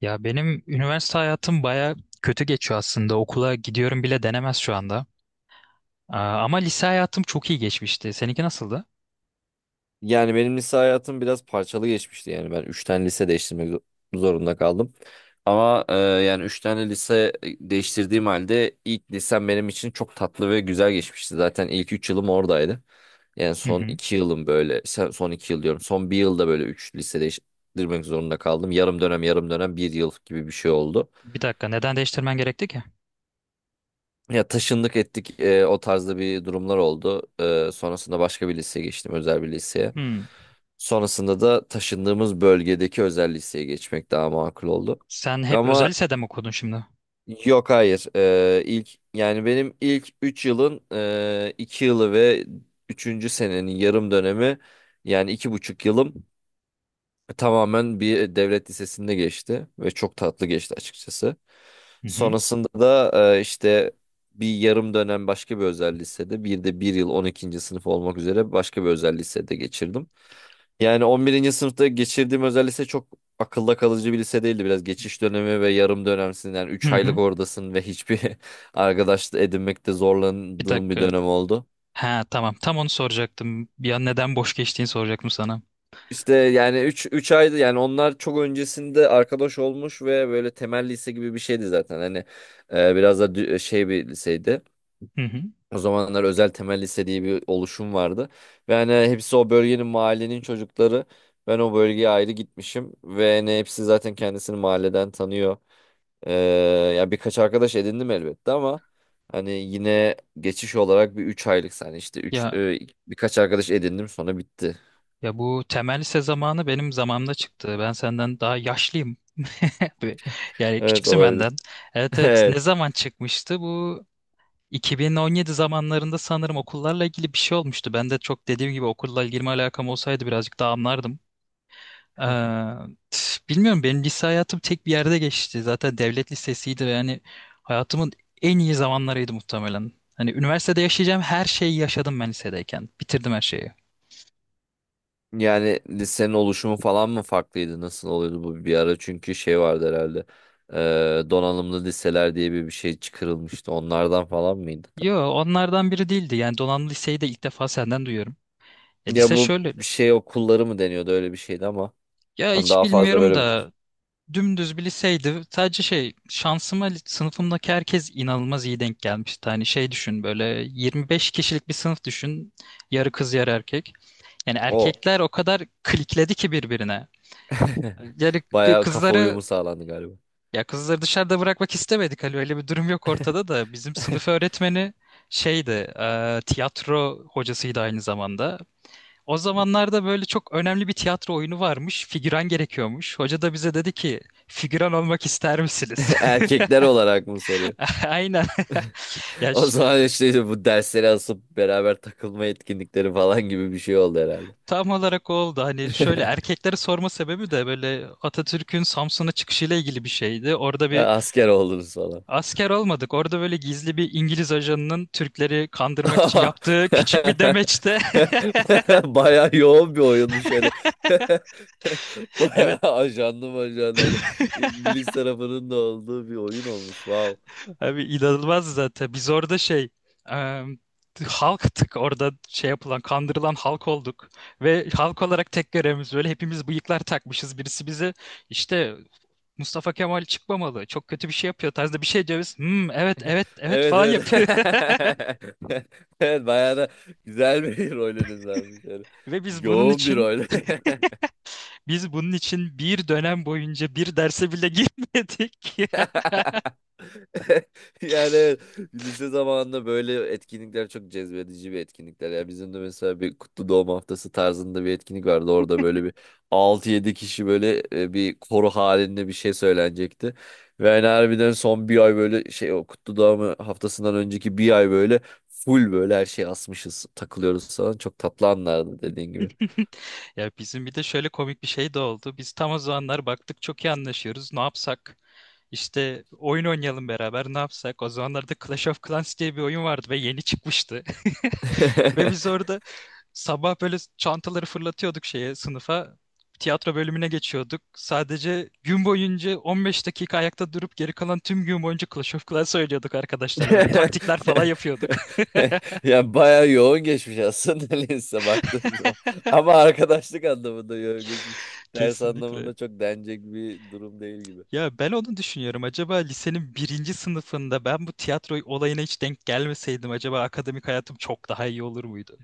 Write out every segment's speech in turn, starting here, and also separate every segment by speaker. Speaker 1: Ya benim üniversite hayatım baya kötü geçiyor aslında. Okula gidiyorum bile denemez şu anda. Aa, ama lise hayatım çok iyi geçmişti. Seninki nasıldı?
Speaker 2: Yani benim lise hayatım biraz parçalı geçmişti. Yani ben 3 tane lise değiştirmek zorunda kaldım. Ama yani 3 tane lise değiştirdiğim halde ilk lisem benim için çok tatlı ve güzel geçmişti. Zaten ilk 3 yılım oradaydı. Yani
Speaker 1: Hı
Speaker 2: son
Speaker 1: hı.
Speaker 2: 2 yılım böyle son 2 yıl diyorum. Son 1 yılda böyle 3 lise değiştirmek zorunda kaldım. Yarım dönem yarım dönem bir yıl gibi bir şey oldu.
Speaker 1: Bir dakika, neden değiştirmen gerekti ki?
Speaker 2: Ya taşındık ettik o tarzda bir durumlar oldu. Sonrasında başka bir liseye geçtim, özel bir liseye.
Speaker 1: Hmm.
Speaker 2: Sonrasında da taşındığımız bölgedeki özel liseye geçmek daha makul oldu.
Speaker 1: Sen hep özel
Speaker 2: Ama
Speaker 1: lisede mi okudun şimdi?
Speaker 2: yok, hayır. İlk yani benim ilk 3 yılın 2 yılı ve üçüncü senenin yarım dönemi, yani iki buçuk yılım tamamen bir devlet lisesinde geçti ve çok tatlı geçti açıkçası.
Speaker 1: Hı hı.
Speaker 2: Sonrasında da işte bir yarım dönem başka bir özel lisede, bir de bir yıl on ikinci sınıf olmak üzere başka bir özel lisede geçirdim. Yani on birinci sınıfta geçirdiğim özel lise çok akılda kalıcı bir lise değildi. Biraz geçiş dönemi ve yarım dönemsin, yani
Speaker 1: Hı
Speaker 2: 3 aylık
Speaker 1: hı.
Speaker 2: oradasın ve hiçbir arkadaş edinmekte
Speaker 1: Bir
Speaker 2: zorlandığım bir
Speaker 1: dakika.
Speaker 2: dönem oldu.
Speaker 1: Ha, tamam. Tam onu soracaktım. Ya neden boş geçtiğini soracaktım sana.
Speaker 2: İşte yani üç aydı, yani onlar çok öncesinde arkadaş olmuş ve böyle temel lise gibi bir şeydi zaten. Hani biraz da şey bir liseydi.
Speaker 1: Hı hı.
Speaker 2: O zamanlar özel temel lise diye bir oluşum vardı. Ve hani hepsi o bölgenin, mahallenin çocukları. Ben o bölgeye ayrı gitmişim ve hani hepsi zaten kendisini mahalleden tanıyor. E, Ya birkaç arkadaş edindim elbette ama hani yine geçiş olarak bir 3 aylık, yani işte 3,
Speaker 1: Ya
Speaker 2: birkaç arkadaş edindim, sonra bitti.
Speaker 1: ya bu temel lise zamanı benim zamanımda çıktı. Ben senden daha yaşlıyım. Ve- Yani
Speaker 2: Evet,
Speaker 1: küçüksün
Speaker 2: olabilir.
Speaker 1: benden. Evet, evet. Ne
Speaker 2: Evet.
Speaker 1: zaman çıkmıştı bu? 2017 zamanlarında sanırım okullarla ilgili bir şey olmuştu. Ben de, çok dediğim gibi, okulla ilgili alakam olsaydı birazcık daha anlardım. Eee, Bilmiyorum, benim lise hayatım tek bir yerde geçti. Zaten devlet lisesiydi ve yani hayatımın en iyi zamanlarıydı muhtemelen. Hani üniversitede yaşayacağım her şeyi yaşadım ben lisedeyken. Bitirdim her şeyi.
Speaker 2: Yani lisenin oluşumu falan mı farklıydı? Nasıl oluyordu bu bir ara? Çünkü şey vardı herhalde. Donanımlı liseler diye bir şey çıkarılmıştı. Onlardan falan mıydı da?
Speaker 1: Yo, onlardan biri değildi. Yani donanımlı liseyi de ilk defa senden duyuyorum.
Speaker 2: Ya
Speaker 1: Lise
Speaker 2: bu
Speaker 1: şöyle,
Speaker 2: şey okulları mı deniyordu, öyle bir şeydi ama.
Speaker 1: ya
Speaker 2: Hani
Speaker 1: hiç
Speaker 2: daha fazla
Speaker 1: bilmiyorum
Speaker 2: böyle
Speaker 1: da, dümdüz bir liseydi. Sadece şey, şansıma, sınıfımdaki herkes inanılmaz iyi denk gelmişti. Hani şey, düşün, böyle 25 kişilik bir sınıf düşün. Yarı kız, yarı erkek. Yani
Speaker 2: o.
Speaker 1: erkekler o kadar klikledi ki birbirine. Yani
Speaker 2: Bayağı kafa uyumu sağlandı galiba.
Speaker 1: kızları dışarıda bırakmak istemedik. Hani öyle bir durum yok ortada da, bizim sınıf öğretmeni şeydi, tiyatro hocasıydı aynı zamanda. O zamanlarda böyle çok önemli bir tiyatro oyunu varmış. Figüran gerekiyormuş. Hoca da bize dedi ki, figüran olmak ister misiniz?
Speaker 2: Erkekler olarak mı soruyor?
Speaker 1: Aynen. Ya,
Speaker 2: O zaman işte bu dersleri asıp beraber takılma etkinlikleri falan gibi bir şey oldu herhalde.
Speaker 1: tam olarak o oldu. Hani şöyle, erkekleri sorma sebebi de böyle Atatürk'ün Samsun'a çıkışıyla ilgili bir şeydi. Orada bir
Speaker 2: Asker oldunuz falan.
Speaker 1: asker olmadık. Orada böyle gizli bir İngiliz ajanının Türkleri kandırmak için yaptığı küçük bir demeçte.
Speaker 2: Bayağı yoğun bir oyunmuş hani. Bayağı ajanlı majanlı, hani İngiliz tarafının da olduğu bir oyun olmuş. Wow.
Speaker 1: Abi, inanılmaz zaten. Biz orada şey, e, halktık, orada şey yapılan, kandırılan halk olduk. Ve halk olarak tek görevimiz, böyle hepimiz bıyıklar takmışız. Birisi bize, işte Mustafa Kemal çıkmamalı, çok kötü bir şey yapıyor tarzda bir şey diyoruz. Hmm, evet, evet, evet
Speaker 2: Evet,
Speaker 1: falan yapıyor.
Speaker 2: evet. Evet, bayağı da güzel bir rolünüz varmış yani.
Speaker 1: Ve biz bunun
Speaker 2: Yoğun bir
Speaker 1: için,
Speaker 2: rol.
Speaker 1: bir dönem boyunca bir derse bile girmedik.
Speaker 2: Yani evet, lise zamanında böyle etkinlikler çok cezbedici bir etkinlikler. Ya bizim de mesela bir kutlu doğum haftası tarzında bir etkinlik vardı. Orada böyle bir altı yedi kişi böyle bir koro halinde bir şey söylenecekti. Ve yani harbiden son bir ay böyle şey, o kutlu doğum haftasından önceki bir ay böyle full, böyle her şey asmışız, takılıyoruz falan. Çok tatlı anlardı, dediğin gibi.
Speaker 1: Ya, bizim bir de şöyle komik bir şey de oldu. Biz tam o zamanlar baktık çok iyi anlaşıyoruz. Ne yapsak? İşte, oyun oynayalım beraber, ne yapsak? O zamanlarda Clash of Clans diye bir oyun vardı ve yeni çıkmıştı. Ve biz orada sabah böyle çantaları fırlatıyorduk şeye, sınıfa. Tiyatro bölümüne geçiyorduk. Sadece gün boyunca 15 dakika ayakta durup, geri kalan tüm gün boyunca Clash of Clans oynuyorduk arkadaşlarla. Böyle taktikler falan yapıyorduk.
Speaker 2: Ya bayağı yoğun geçmiş aslında lise, baktığın zaman. Ama arkadaşlık anlamında yoğun geçmiş. Ders
Speaker 1: Kesinlikle.
Speaker 2: anlamında çok denecek bir durum değil gibi.
Speaker 1: Ya ben onu düşünüyorum. Acaba lisenin birinci sınıfında ben bu tiyatro olayına hiç denk gelmeseydim, acaba akademik hayatım çok daha iyi olur muydu?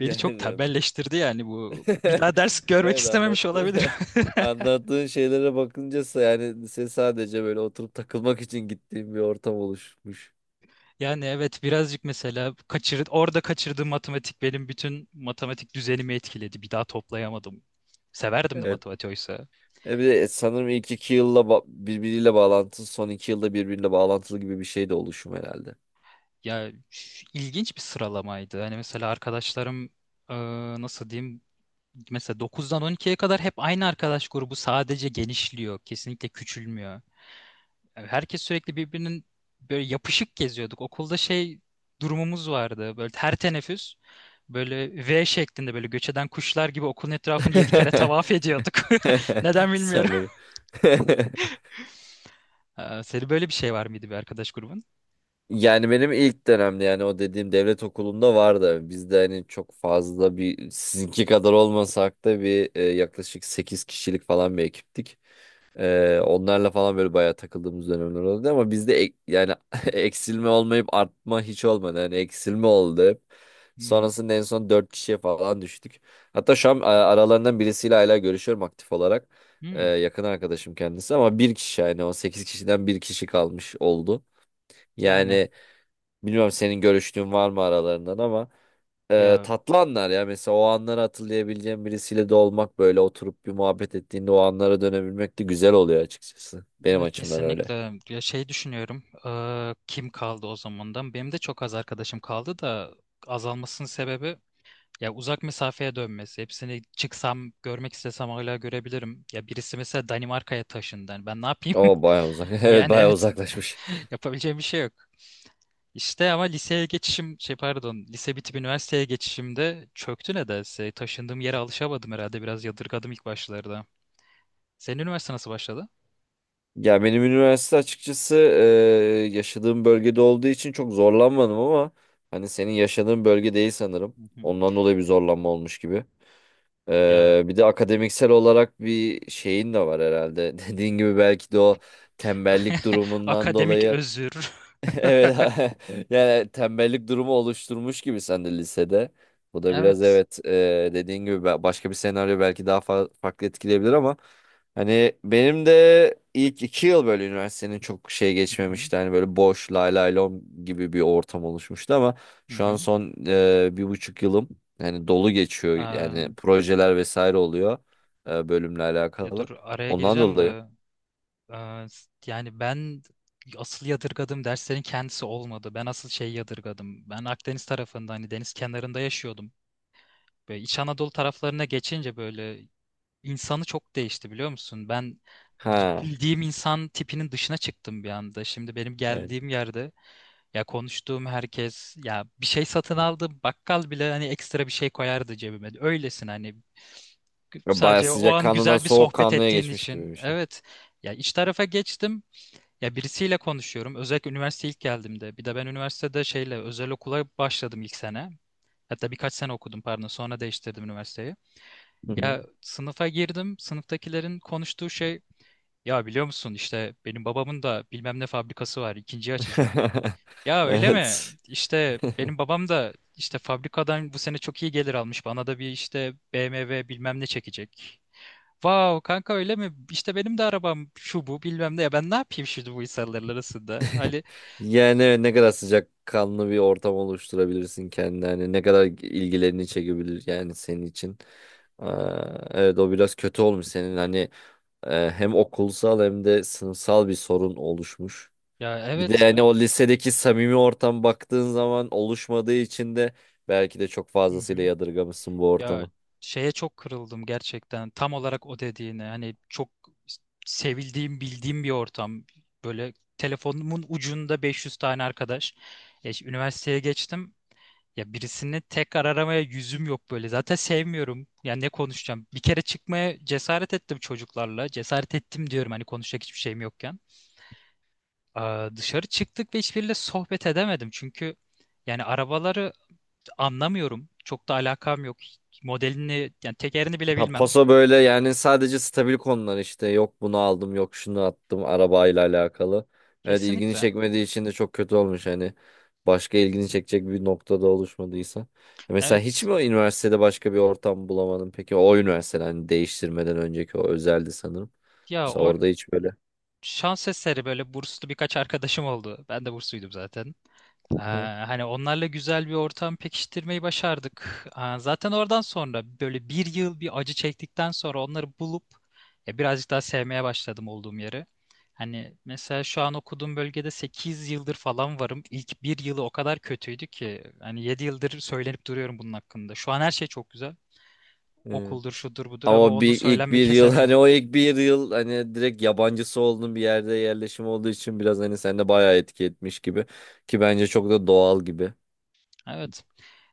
Speaker 1: Beni çok
Speaker 2: Yani
Speaker 1: tembelleştirdi yani bu. Bir daha ders görmek
Speaker 2: evet,
Speaker 1: istememiş
Speaker 2: anlattı.
Speaker 1: olabilirim.
Speaker 2: Anlattığın şeylere bakınca, yani lise sadece böyle oturup takılmak için gittiğim bir ortam oluşmuş.
Speaker 1: Yani evet, birazcık, mesela orada kaçırdığım matematik benim bütün matematik düzenimi etkiledi. Bir daha toplayamadım. Severdim de
Speaker 2: Evet.
Speaker 1: matematiği oysa.
Speaker 2: E bir de sanırım ilk iki yılla birbiriyle bağlantılı, son iki yılda birbiriyle bağlantılı gibi bir şey de oluşum herhalde.
Speaker 1: Ya üf, ilginç bir sıralamaydı. Hani mesela arkadaşlarım, e, nasıl diyeyim, mesela 9'dan 12'ye kadar hep aynı arkadaş grubu sadece genişliyor. Kesinlikle küçülmüyor. Yani herkes sürekli birbirinin, böyle yapışık geziyorduk. Okulda şey durumumuz vardı. Böyle her teneffüs böyle V şeklinde, böyle göç eden kuşlar gibi okulun etrafını 7 kere tavaf ediyorduk. Neden bilmiyorum.
Speaker 2: Sanırım.
Speaker 1: Senin böyle bir şey var mıydı, bir arkadaş grubun?
Speaker 2: Yani benim ilk dönemde, yani o dediğim devlet okulunda vardı. Bizde hani çok fazla, bir sizinki kadar olmasak da bir yaklaşık 8 kişilik falan bir ekiptik. Onlarla falan böyle bayağı takıldığımız dönemler oldu ama bizde yani eksilme olmayıp artma hiç olmadı. Yani eksilme oldu hep.
Speaker 1: Hmm.
Speaker 2: Sonrasında en son 4 kişiye falan düştük. Hatta şu an aralarından birisiyle hala görüşüyorum aktif olarak.
Speaker 1: Hmm.
Speaker 2: Yakın arkadaşım kendisi ama bir kişi, yani o 8 kişiden bir kişi kalmış oldu.
Speaker 1: Yani,
Speaker 2: Yani bilmiyorum, senin görüştüğün var mı aralarından ama
Speaker 1: ya
Speaker 2: tatlı anlar ya. Mesela o anları hatırlayabileceğim birisiyle de olmak, böyle oturup bir muhabbet ettiğinde o anlara dönebilmek de güzel oluyor açıkçası. Benim
Speaker 1: Ya
Speaker 2: açımdan öyle.
Speaker 1: kesinlikle, ya şey düşünüyorum, kim kaldı o zamandan? Benim de çok az arkadaşım kaldı da, azalmasının sebebi ya uzak mesafeye dönmesi. Hepsini, çıksam görmek istesem, hala görebilirim, ya birisi mesela Danimarka'ya taşındı. Yani ben ne yapayım?
Speaker 2: Ama bayağı uzak. Evet,
Speaker 1: Yani
Speaker 2: bayağı
Speaker 1: evet,
Speaker 2: uzaklaşmış.
Speaker 1: yapabileceğim bir şey yok. İşte, ama liseye geçişim, şey, pardon, lise bitip üniversiteye geçişimde çöktü nedense, taşındığım yere alışamadım herhalde, biraz yadırgadım ilk başlarda. Senin üniversite nasıl başladı?
Speaker 2: Ya benim üniversite açıkçası yaşadığım bölgede olduğu için çok zorlanmadım ama hani senin yaşadığın bölge değil sanırım.
Speaker 1: Hı hı.
Speaker 2: Ondan dolayı bir zorlanma olmuş gibi.
Speaker 1: Ya.
Speaker 2: Bir de akademiksel olarak bir şeyin de var herhalde. Dediğin gibi belki de o tembellik durumundan
Speaker 1: Akademik
Speaker 2: dolayı.
Speaker 1: özür.
Speaker 2: Evet. Yani tembellik durumu oluşturmuş gibi sen de lisede. Bu da biraz,
Speaker 1: Evet.
Speaker 2: evet, dediğin gibi, başka bir senaryo belki daha farklı etkileyebilir ama hani benim de ilk iki yıl böyle üniversitenin çok şey
Speaker 1: Hı hı,
Speaker 2: geçmemişti. Hani böyle boş lay lay lom gibi bir ortam oluşmuştu ama
Speaker 1: hı
Speaker 2: şu an
Speaker 1: hı.
Speaker 2: son bir buçuk yılım, yani dolu geçiyor. Yani
Speaker 1: Eee,
Speaker 2: projeler vesaire oluyor bölümle
Speaker 1: Ya dur,
Speaker 2: alakalı.
Speaker 1: araya
Speaker 2: Ondan
Speaker 1: gireceğim
Speaker 2: dolayı.
Speaker 1: de, yani ben, asıl yadırgadığım derslerin kendisi olmadı. Ben asıl şeyi yadırgadım. Ben Akdeniz tarafında, hani deniz kenarında yaşıyordum. Böyle İç Anadolu taraflarına geçince böyle İnsanı çok değişti, biliyor musun? Ben
Speaker 2: Ha.
Speaker 1: bildiğim insan tipinin dışına çıktım bir anda. Şimdi benim
Speaker 2: Evet.
Speaker 1: geldiğim yerde, ya konuştuğum herkes, ya bir şey satın aldım, bakkal bile hani ekstra bir şey koyardı cebime. Öylesine, hani
Speaker 2: Bayağı
Speaker 1: sadece o
Speaker 2: sıcak
Speaker 1: an
Speaker 2: kanlıdan
Speaker 1: güzel bir
Speaker 2: soğuk
Speaker 1: sohbet
Speaker 2: kanlıya
Speaker 1: ettiğin
Speaker 2: geçmiş gibi
Speaker 1: için.
Speaker 2: bir şey.
Speaker 1: Evet. Ya iç tarafa geçtim. Ya birisiyle konuşuyorum, özellikle üniversite ilk geldiğimde. Bir de ben üniversitede şeyle, özel okula başladım ilk sene. Hatta birkaç sene okudum, pardon. Sonra değiştirdim üniversiteyi.
Speaker 2: Hı hı.
Speaker 1: Ya sınıfa girdim. Sınıftakilerin konuştuğu şey, ya biliyor musun, işte benim babamın da bilmem ne fabrikası var, ikinciyi açacak. Ya öyle mi?
Speaker 2: Evet.
Speaker 1: İşte benim babam da işte fabrikadan bu sene çok iyi gelir almış. Bana da bir, işte BMW bilmem ne çekecek. Vav kanka, öyle mi? İşte benim de arabam şu bu bilmem ne. Ya ben ne yapayım şimdi bu insanların arasında? Ali
Speaker 2: Yani evet, ne kadar sıcakkanlı bir ortam oluşturabilirsin kendine. Hani ne kadar ilgilerini çekebilir, yani senin için. Aa, evet, o biraz kötü olmuş senin. Hani hem okulsal hem de sınıfsal bir sorun oluşmuş.
Speaker 1: ya,
Speaker 2: Bir de
Speaker 1: evet, ben...
Speaker 2: yani o lisedeki samimi ortam baktığın zaman oluşmadığı için de belki de çok
Speaker 1: Hı
Speaker 2: fazlasıyla
Speaker 1: hı.
Speaker 2: yadırgamışsın bu
Speaker 1: Ya
Speaker 2: ortamı.
Speaker 1: şeye çok kırıldım gerçekten. Tam olarak o dediğine. Hani çok sevildiğim, bildiğim bir ortam. Böyle telefonumun ucunda 500 tane arkadaş. Üniversiteye geçtim. Ya birisini tekrar aramaya yüzüm yok böyle. Zaten sevmiyorum. Ya ne konuşacağım? Bir kere çıkmaya cesaret ettim çocuklarla. Cesaret ettim diyorum, hani konuşacak hiçbir şeyim yokken. Aa, dışarı çıktık ve hiçbiriyle sohbet edemedim. Çünkü yani arabaları anlamıyorum. Çok da alakam yok. Modelini yani, tekerini bile
Speaker 2: Ha,
Speaker 1: bilmem.
Speaker 2: paso böyle, yani sadece stabil konular, işte yok bunu aldım, yok şunu attım, arabayla alakalı. Evet, ilgini
Speaker 1: Kesinlikle.
Speaker 2: çekmediği için de çok kötü olmuş hani, başka ilgini çekecek bir noktada oluşmadıysa. Ya mesela hiç
Speaker 1: Evet.
Speaker 2: mi o üniversitede başka bir ortam bulamadın peki, o üniversiteden hani değiştirmeden önceki o özeldi sanırım.
Speaker 1: Ya
Speaker 2: Mesela
Speaker 1: o
Speaker 2: orada hiç böyle.
Speaker 1: şans eseri böyle burslu birkaç arkadaşım oldu. Ben de bursluydum zaten.
Speaker 2: Hı.
Speaker 1: Ee,
Speaker 2: Hı.
Speaker 1: Hani onlarla güzel bir ortam pekiştirmeyi başardık. Zaten oradan sonra, böyle bir yıl bir acı çektikten sonra, onları bulup birazcık daha sevmeye başladım olduğum yeri. Hani mesela şu an okuduğum bölgede 8 yıldır falan varım. İlk bir yılı o kadar kötüydü ki, hani 7 yıldır söylenip duruyorum bunun hakkında. Şu an her şey çok güzel.
Speaker 2: Evet.
Speaker 1: Okuldur, şudur, budur, ama
Speaker 2: Ama
Speaker 1: onu,
Speaker 2: bir, ilk
Speaker 1: söylenmeyi
Speaker 2: bir yıl hani
Speaker 1: kesemiyorum.
Speaker 2: o ilk bir yıl, hani direkt yabancısı olduğun bir yerde yerleşim olduğu için biraz hani sende bayağı etki etmiş gibi, ki bence çok da doğal gibi.
Speaker 1: Evet.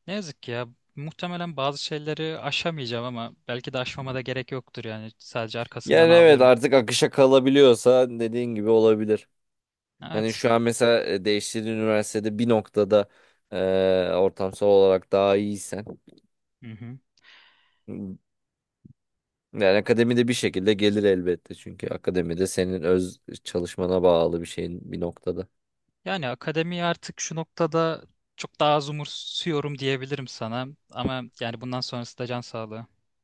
Speaker 1: Ne yazık ki ya. Muhtemelen bazı şeyleri aşamayacağım ama belki de aşmama da gerek yoktur yani. Sadece arkasından
Speaker 2: Yani evet,
Speaker 1: ağlıyorum.
Speaker 2: artık akışa kalabiliyorsa dediğin gibi olabilir. Hani
Speaker 1: Evet.
Speaker 2: şu an mesela değiştiğin üniversitede bir noktada ortamsal olarak daha iyiysen,
Speaker 1: Hı hı.
Speaker 2: yani akademide bir şekilde gelir elbette çünkü akademide senin öz çalışmana bağlı bir şeyin bir noktada.
Speaker 1: Yani akademiyi artık şu noktada çok daha az umursuyorum diyebilirim sana. Ama yani bundan sonrası da can sağlığı.